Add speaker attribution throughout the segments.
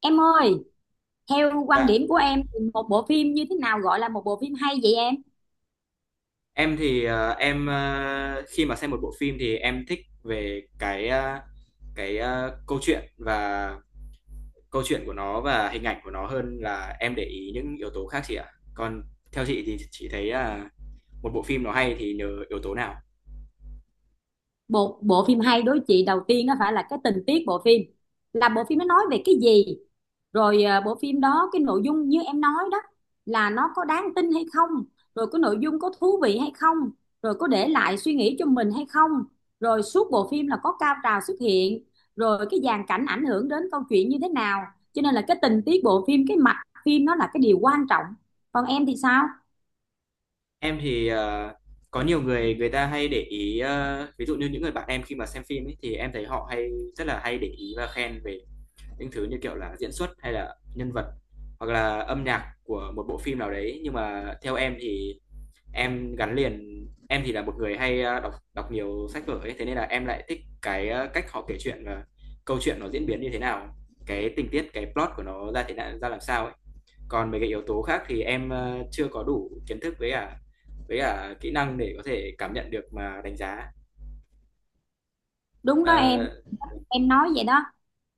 Speaker 1: Em ơi, theo quan
Speaker 2: Dạ,
Speaker 1: điểm của em thì một bộ phim như thế nào gọi là một bộ phim hay vậy em?
Speaker 2: em, khi mà xem một bộ phim thì em thích về cái câu chuyện của nó và hình ảnh của nó hơn là em để ý những yếu tố khác chị ạ. Còn theo chị thì chị thấy là một bộ phim nó hay thì nhờ yếu tố nào?
Speaker 1: Một bộ phim hay đối với chị đầu tiên nó phải là cái tình tiết bộ phim. Là bộ phim nó nói về cái gì? Rồi bộ phim đó cái nội dung như em nói đó là nó có đáng tin hay không? Rồi cái nội dung có thú vị hay không? Rồi có để lại suy nghĩ cho mình hay không? Rồi suốt bộ phim là có cao trào xuất hiện, rồi cái dàn cảnh ảnh hưởng đến câu chuyện như thế nào? Cho nên là cái tình tiết bộ phim, cái mạch phim nó là cái điều quan trọng. Còn em thì sao?
Speaker 2: Em thì, có nhiều người, người ta hay để ý, ví dụ như những người bạn em khi mà xem phim ấy thì em thấy họ rất là hay để ý và khen về những thứ như kiểu là diễn xuất hay là nhân vật hoặc là âm nhạc của một bộ phim nào đấy. Nhưng mà theo em thì, em gắn liền em thì là một người hay đọc đọc nhiều sách vở ấy, thế nên là em lại thích cái cách họ kể chuyện và câu chuyện nó diễn biến như thế nào, cái tình tiết cái plot của nó ra thế nào ra làm sao ấy. Còn mấy cái yếu tố khác thì em chưa có đủ kiến thức với cả kỹ năng để có thể cảm nhận được mà đánh giá.
Speaker 1: Đúng đó
Speaker 2: Ờ,
Speaker 1: em nói vậy đó.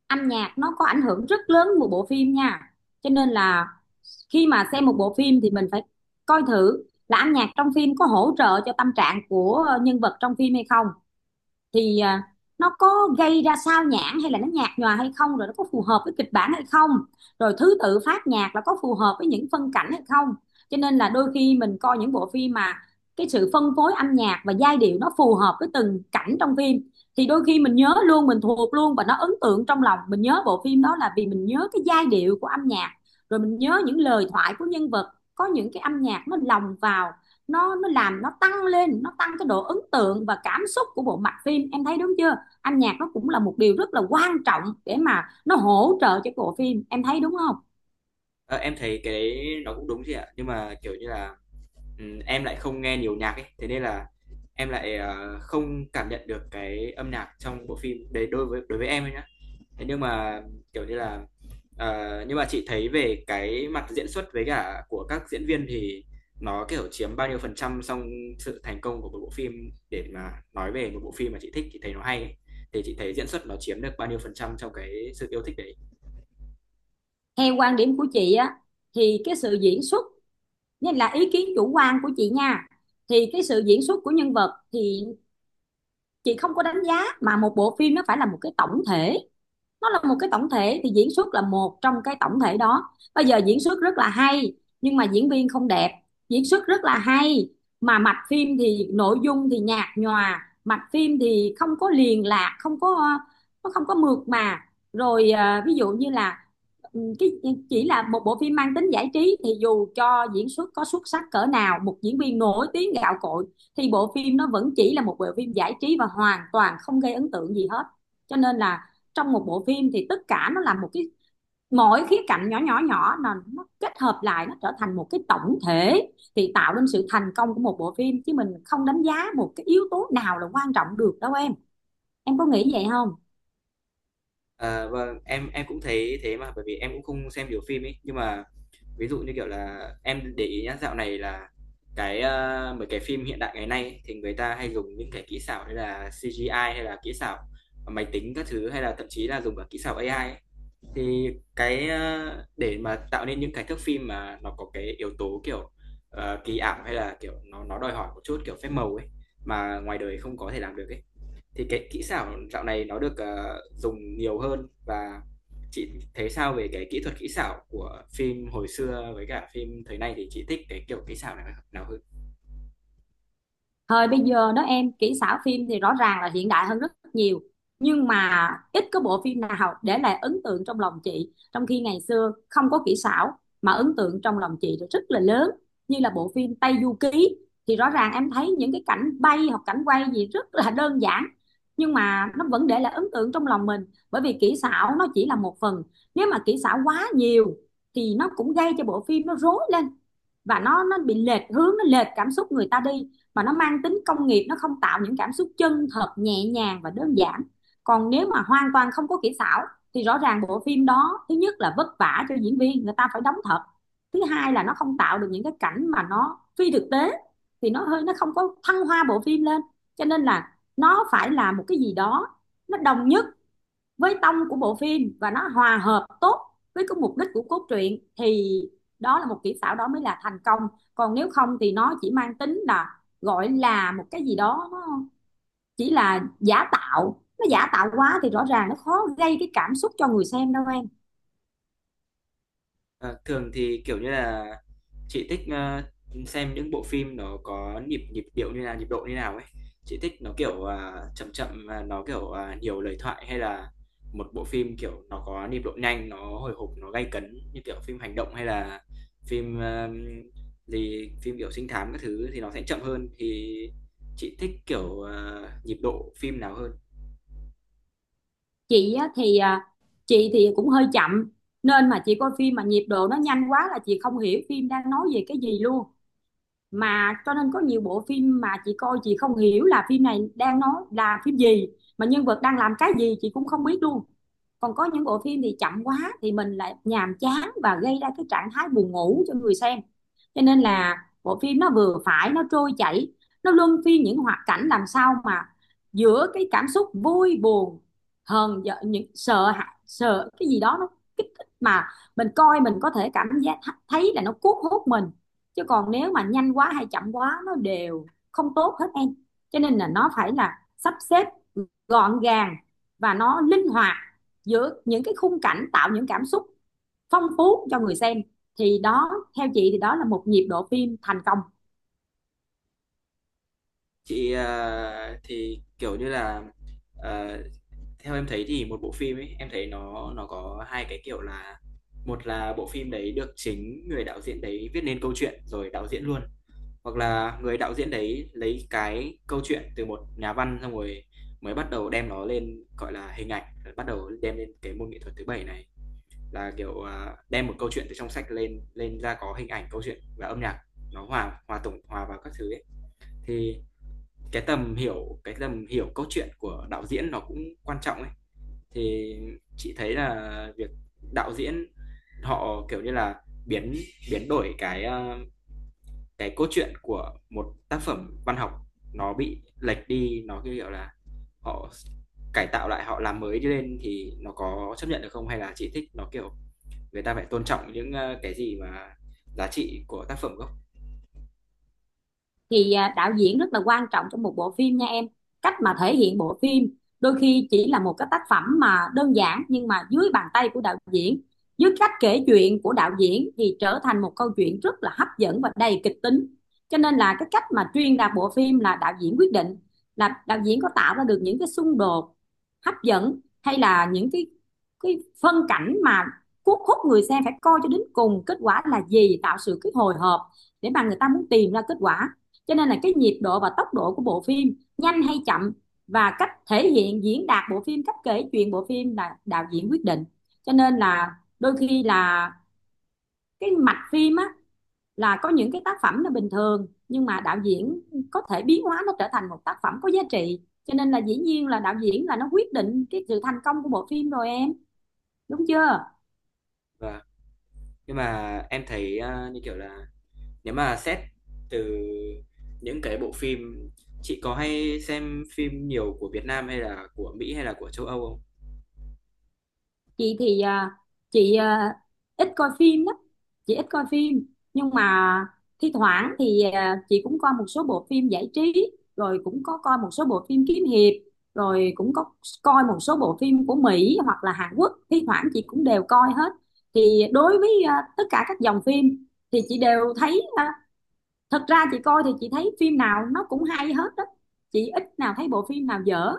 Speaker 1: Âm nhạc nó có ảnh hưởng rất lớn một bộ phim nha. Cho nên là khi mà xem một bộ phim thì mình phải coi thử là âm nhạc trong phim có hỗ trợ cho tâm trạng của nhân vật trong phim hay không, thì nó có gây ra sao nhãng hay là nó nhạt nhòa hay không, rồi nó có phù hợp với kịch bản hay không, rồi thứ tự phát nhạc là có phù hợp với những phân cảnh hay không. Cho nên là đôi khi mình coi những bộ phim mà cái sự phân phối âm nhạc và giai điệu nó phù hợp với từng cảnh trong phim thì đôi khi mình nhớ luôn, mình thuộc luôn, và nó ấn tượng trong lòng mình. Nhớ bộ phim đó là vì mình nhớ cái giai điệu của âm nhạc, rồi mình nhớ những lời thoại của nhân vật có những cái âm nhạc nó lồng vào. Nó làm nó tăng lên, nó tăng cái độ ấn tượng và cảm xúc của bộ mạch phim, em thấy đúng chưa? Âm nhạc nó cũng là một điều rất là quan trọng để mà nó hỗ trợ cho bộ phim, em thấy đúng không?
Speaker 2: ờ, em thấy cái đấy nó cũng đúng chị ạ, nhưng mà, kiểu như là, em lại không nghe nhiều nhạc ấy, thế nên là em lại, không cảm nhận được cái âm nhạc trong bộ phim đấy đối với em ấy nhá. Thế nhưng mà, kiểu như là, nhưng mà chị thấy về cái mặt diễn xuất với cả của các diễn viên thì nó, kiểu, chiếm bao nhiêu phần trăm trong sự thành công của một bộ phim, để mà nói về một bộ phim mà chị thích, chị thấy nó hay ấy, thì chị thấy diễn xuất nó chiếm được bao nhiêu phần trăm trong cái sự yêu thích đấy?
Speaker 1: Theo quan điểm của chị á, thì cái sự diễn xuất, nên là ý kiến chủ quan của chị nha, thì cái sự diễn xuất của nhân vật thì chị không có đánh giá, mà một bộ phim nó phải là một cái tổng thể. Nó là một cái tổng thể thì diễn xuất là một trong cái tổng thể đó. Bây giờ diễn xuất rất là hay nhưng mà diễn viên không đẹp, diễn xuất rất là hay mà mạch phim thì nội dung thì nhạt nhòa, mạch phim thì không có liền lạc, không có, nó không có mượt mà. Rồi ví dụ như là ừ, cái chỉ là một bộ phim mang tính giải trí thì dù cho diễn xuất có xuất sắc cỡ nào, một diễn viên nổi tiếng gạo cội, thì bộ phim nó vẫn chỉ là một bộ phim giải trí và hoàn toàn không gây ấn tượng gì hết. Cho nên là trong một bộ phim thì tất cả nó là một cái, mỗi khía cạnh nhỏ nhỏ nhỏ là nó kết hợp lại nó trở thành một cái tổng thể thì tạo nên sự thành công của một bộ phim, chứ mình không đánh giá một cái yếu tố nào là quan trọng được đâu em. Em có nghĩ vậy không?
Speaker 2: À, vâng, em cũng thấy thế mà, bởi vì em cũng không xem nhiều phim ấy, nhưng mà ví dụ như kiểu là em để ý nhá, dạo này là mấy cái phim hiện đại ngày nay ấy, thì người ta hay dùng những cái kỹ xảo hay là CGI hay là kỹ xảo máy tính các thứ, hay là thậm chí là dùng cả kỹ xảo AI ấy. Thì để mà tạo nên những cái thước phim mà nó có cái yếu tố kiểu kỳ ảo, hay là kiểu nó đòi hỏi một chút kiểu phép màu ấy mà ngoài đời không có thể làm được ấy, thì cái kỹ xảo dạo này nó được, dùng nhiều hơn. Và chị thấy sao về cái kỹ thuật kỹ xảo của phim hồi xưa với cả phim thời nay, thì chị thích cái kiểu kỹ xảo nào nào hơn?
Speaker 1: Thời bây giờ đó em, kỹ xảo phim thì rõ ràng là hiện đại hơn rất nhiều, nhưng mà ít có bộ phim nào để lại ấn tượng trong lòng chị, trong khi ngày xưa không có kỹ xảo mà ấn tượng trong lòng chị rất là lớn, như là bộ phim Tây Du Ký. Thì rõ ràng em thấy những cái cảnh bay hoặc cảnh quay gì rất là đơn giản, nhưng mà nó vẫn để lại ấn tượng trong lòng mình. Bởi vì kỹ xảo nó chỉ là một phần, nếu mà kỹ xảo quá nhiều thì nó cũng gây cho bộ phim nó rối lên, và nó bị lệch hướng, nó lệch cảm xúc người ta đi, mà nó mang tính công nghiệp, nó không tạo những cảm xúc chân thật nhẹ nhàng và đơn giản. Còn nếu mà hoàn toàn không có kỹ xảo thì rõ ràng bộ phim đó, thứ nhất là vất vả cho diễn viên, người ta phải đóng thật, thứ hai là nó không tạo được những cái cảnh mà nó phi thực tế, thì nó hơi, nó không có thăng hoa bộ phim lên. Cho nên là nó phải là một cái gì đó nó đồng nhất với tông của bộ phim và nó hòa hợp tốt với cái mục đích của cốt truyện, thì đó là một kỹ xảo, đó mới là thành công. Còn nếu không thì nó chỉ mang tính là gọi là một cái gì đó nó chỉ là giả tạo, nó giả tạo quá thì rõ ràng nó khó gây cái cảm xúc cho người xem đâu em.
Speaker 2: Ờ, Thường thì, kiểu như là, chị thích, xem những bộ phim nó có nhịp nhịp điệu như là nhịp độ như nào ấy. Chị thích nó, kiểu, chậm chậm và nó, kiểu, nhiều lời thoại, hay là một bộ phim, kiểu, nó có nhịp độ nhanh, nó hồi hộp, nó gay cấn như kiểu phim hành động, hay là phim, phim, kiểu, trinh thám các thứ thì nó sẽ chậm hơn. Thì chị thích, kiểu, nhịp độ phim nào hơn?
Speaker 1: Chị thì à, chị thì cũng hơi chậm, nên mà chị coi phim mà nhịp độ nó nhanh quá là chị không hiểu phim đang nói về cái gì luôn. Mà cho nên có nhiều bộ phim mà chị coi chị không hiểu là phim này đang nói là phim gì, mà nhân vật đang làm cái gì chị cũng không biết luôn. Còn có những bộ phim thì chậm quá thì mình lại nhàm chán và gây ra cái trạng thái buồn ngủ cho người xem. Cho nên là bộ phim nó vừa phải, nó trôi chảy, nó luân phiên những hoạt cảnh, làm sao mà giữa cái cảm xúc vui buồn, hờn giận, những sợ sợ cái gì đó nó kích thích, mà mình coi mình có thể cảm giác thấy là nó cuốn hút mình. Chứ còn nếu mà nhanh quá hay chậm quá nó đều không tốt hết em. Cho nên là nó phải là sắp xếp gọn gàng và nó linh hoạt giữa những cái khung cảnh, tạo những cảm xúc phong phú cho người xem, thì đó, theo chị thì đó là một nhịp độ phim thành công.
Speaker 2: Chị, à, thì, kiểu như là, ờ Theo em thấy thì một bộ phim ấy, em thấy nó có hai cái kiểu là, một là bộ phim đấy được chính người đạo diễn đấy viết nên câu chuyện rồi đạo diễn luôn, hoặc là người đạo diễn đấy lấy cái câu chuyện từ một nhà văn, xong rồi mới bắt đầu đem nó lên gọi là hình ảnh, rồi bắt đầu đem lên cái môn nghệ thuật thứ bảy này, là kiểu đem một câu chuyện từ trong sách lên lên ra có hình ảnh câu chuyện và âm nhạc, nó hòa hòa tổng hòa vào các thứ ấy. Thì cái tầm hiểu câu chuyện của đạo diễn nó cũng quan trọng ấy. Thì chị thấy là việc đạo diễn họ, kiểu như là, biến biến đổi cái cốt truyện của một tác phẩm văn học, nó bị lệch đi, nó, như kiểu là, họ cải tạo lại, họ làm mới lên, thì nó có chấp nhận được không? Hay là chị thích nó, kiểu, người ta phải tôn trọng những, cái gì mà giá trị của tác phẩm gốc?
Speaker 1: Thì đạo diễn rất là quan trọng trong một bộ phim nha em. Cách mà thể hiện bộ phim đôi khi chỉ là một cái tác phẩm mà đơn giản, nhưng mà dưới bàn tay của đạo diễn, dưới cách kể chuyện của đạo diễn thì trở thành một câu chuyện rất là hấp dẫn và đầy kịch tính. Cho nên là cái cách mà truyền đạt bộ phim là đạo diễn quyết định, là đạo diễn có tạo ra được những cái xung đột hấp dẫn hay là những cái phân cảnh mà cuốn hút người xem phải coi cho đến cùng kết quả là gì, tạo sự cái hồi hộp để mà người ta muốn tìm ra kết quả. Cho nên là cái nhịp độ và tốc độ của bộ phim nhanh hay chậm và cách thể hiện diễn đạt bộ phim, cách kể chuyện bộ phim là đạo diễn quyết định. Cho nên là đôi khi là cái mạch phim á, là có những cái tác phẩm là bình thường nhưng mà đạo diễn có thể biến hóa nó trở thành một tác phẩm có giá trị. Cho nên là dĩ nhiên là đạo diễn là nó quyết định cái sự thành công của bộ phim rồi em, đúng chưa?
Speaker 2: Và nhưng mà em thấy, như kiểu là, nếu mà xét từ những cái bộ phim, chị có hay xem phim nhiều của Việt Nam hay là của Mỹ hay là của châu Âu không?
Speaker 1: Chị thì à, chị à, ít coi phim lắm, chị ít coi phim, nhưng mà thi thoảng thì chị cũng coi một số bộ phim giải trí, rồi cũng có coi một số bộ phim kiếm hiệp, rồi cũng có coi một số bộ phim của Mỹ hoặc là Hàn Quốc, thi thoảng chị cũng đều coi hết. Thì đối với tất cả các dòng phim thì chị đều thấy thật ra chị coi thì chị thấy phim nào nó cũng hay hết đó, chị ít nào thấy bộ phim nào dở.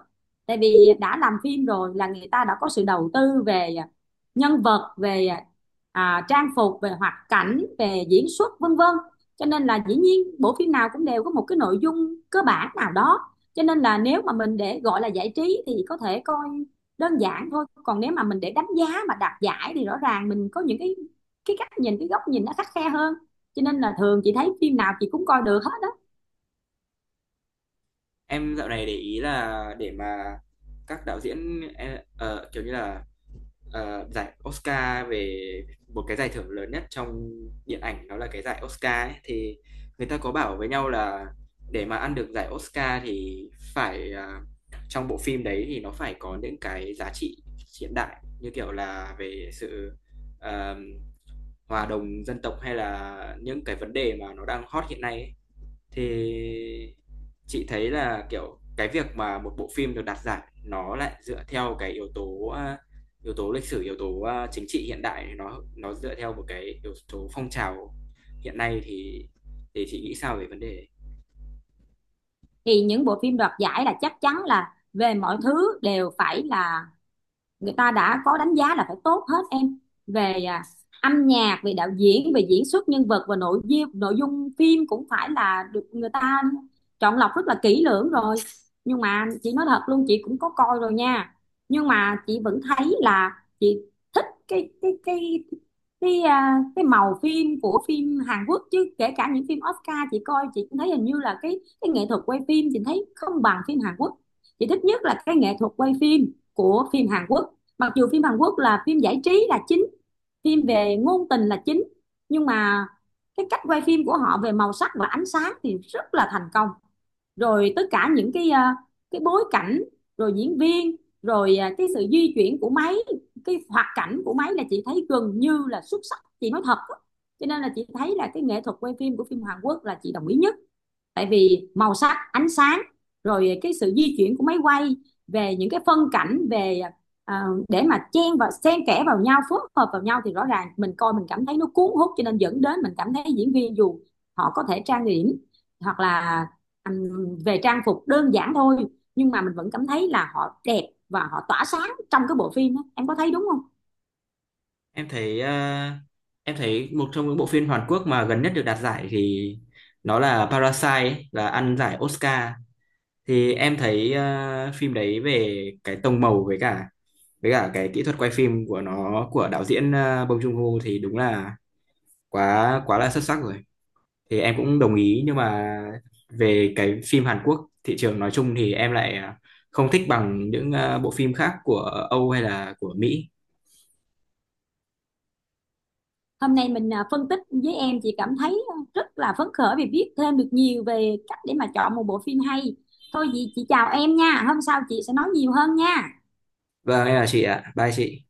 Speaker 1: Tại vì đã làm phim rồi là người ta đã có sự đầu tư về nhân vật, về trang phục, về hoạt cảnh, về diễn xuất, vân vân. Cho nên là dĩ nhiên bộ phim nào cũng đều có một cái nội dung cơ bản nào đó. Cho nên là nếu mà mình để gọi là giải trí thì có thể coi đơn giản thôi, còn nếu mà mình để đánh giá mà đạt giải thì rõ ràng mình có những cái cách nhìn, cái góc nhìn nó khắt khe hơn. Cho nên là thường chị thấy phim nào chị cũng coi được hết đó.
Speaker 2: Em dạo này để ý là để mà các đạo diễn kiểu như là giải Oscar, về một cái giải thưởng lớn nhất trong điện ảnh đó là cái giải Oscar ấy, thì người ta có bảo với nhau là để mà ăn được giải Oscar thì phải trong bộ phim đấy thì nó phải có những cái giá trị hiện đại, như kiểu là về sự ờm, hòa đồng dân tộc, hay là những cái vấn đề mà nó đang hot hiện nay ấy. Thì chị thấy là, kiểu, cái việc mà một bộ phim được đạt giải nó lại dựa theo cái yếu tố, yếu tố lịch sử, yếu tố, chính trị hiện đại, thì nó dựa theo một cái yếu tố phong trào hiện nay, thì chị nghĩ sao về vấn đề đấy?
Speaker 1: Thì những bộ phim đoạt giải là chắc chắn là về mọi thứ đều phải là người ta đã có đánh giá là phải tốt hết em, về âm nhạc, về đạo diễn, về diễn xuất, nhân vật, và nội dung. Nội dung phim cũng phải là được người ta chọn lọc rất là kỹ lưỡng rồi. Nhưng mà chị nói thật luôn, chị cũng có coi rồi nha, nhưng mà chị vẫn thấy là chị thích cái màu phim của phim Hàn Quốc. Chứ kể cả những phim Oscar chị coi chị cũng thấy hình như là cái nghệ thuật quay phim chị thấy không bằng phim Hàn Quốc. Chị thích nhất là cái nghệ thuật quay phim của phim Hàn Quốc, mặc dù phim Hàn Quốc là phim giải trí là chính, phim về ngôn tình là chính, nhưng mà cái cách quay phim của họ về màu sắc và ánh sáng thì rất là thành công. Rồi tất cả những cái cái bối cảnh, rồi diễn viên, rồi cái sự di chuyển của máy, cái hoạt cảnh của máy, là chị thấy gần như là xuất sắc, chị nói thật á. Cho nên là chị thấy là cái nghệ thuật quay phim của phim Hàn Quốc là chị đồng ý nhất. Tại vì màu sắc, ánh sáng, rồi cái sự di chuyển của máy quay về những cái phân cảnh, về để mà chen và xen kẽ vào nhau, phối hợp vào nhau, thì rõ ràng mình coi mình cảm thấy nó cuốn hút, cho nên dẫn đến mình cảm thấy diễn viên dù họ có thể trang điểm hoặc là về trang phục đơn giản thôi, nhưng mà mình vẫn cảm thấy là họ đẹp và họ tỏa sáng trong cái bộ phim đó. Em có thấy đúng không?
Speaker 2: Em thấy, a, em thấy một trong những bộ phim Hàn Quốc mà gần nhất được đạt giải thì nó là Parasite ấy, là ăn giải Oscar. Thì em thấy phim đấy về cái tông màu với cả cái kỹ thuật quay phim của nó, của đạo diễn Bong Joon-ho, thì đúng là quá quá là xuất sắc rồi, thì em cũng đồng ý, nhưng mà về cái phim Hàn Quốc thị trường nói chung thì em lại không thích bằng những bộ phim khác của Âu hay là của Mỹ.
Speaker 1: Hôm nay mình phân tích với em, chị cảm thấy rất là phấn khởi vì biết thêm được nhiều về cách để mà chọn một bộ phim hay. Thôi chị chào em nha, hôm sau chị sẽ nói nhiều hơn nha.
Speaker 2: Vâng em là chị ạ, bye chị.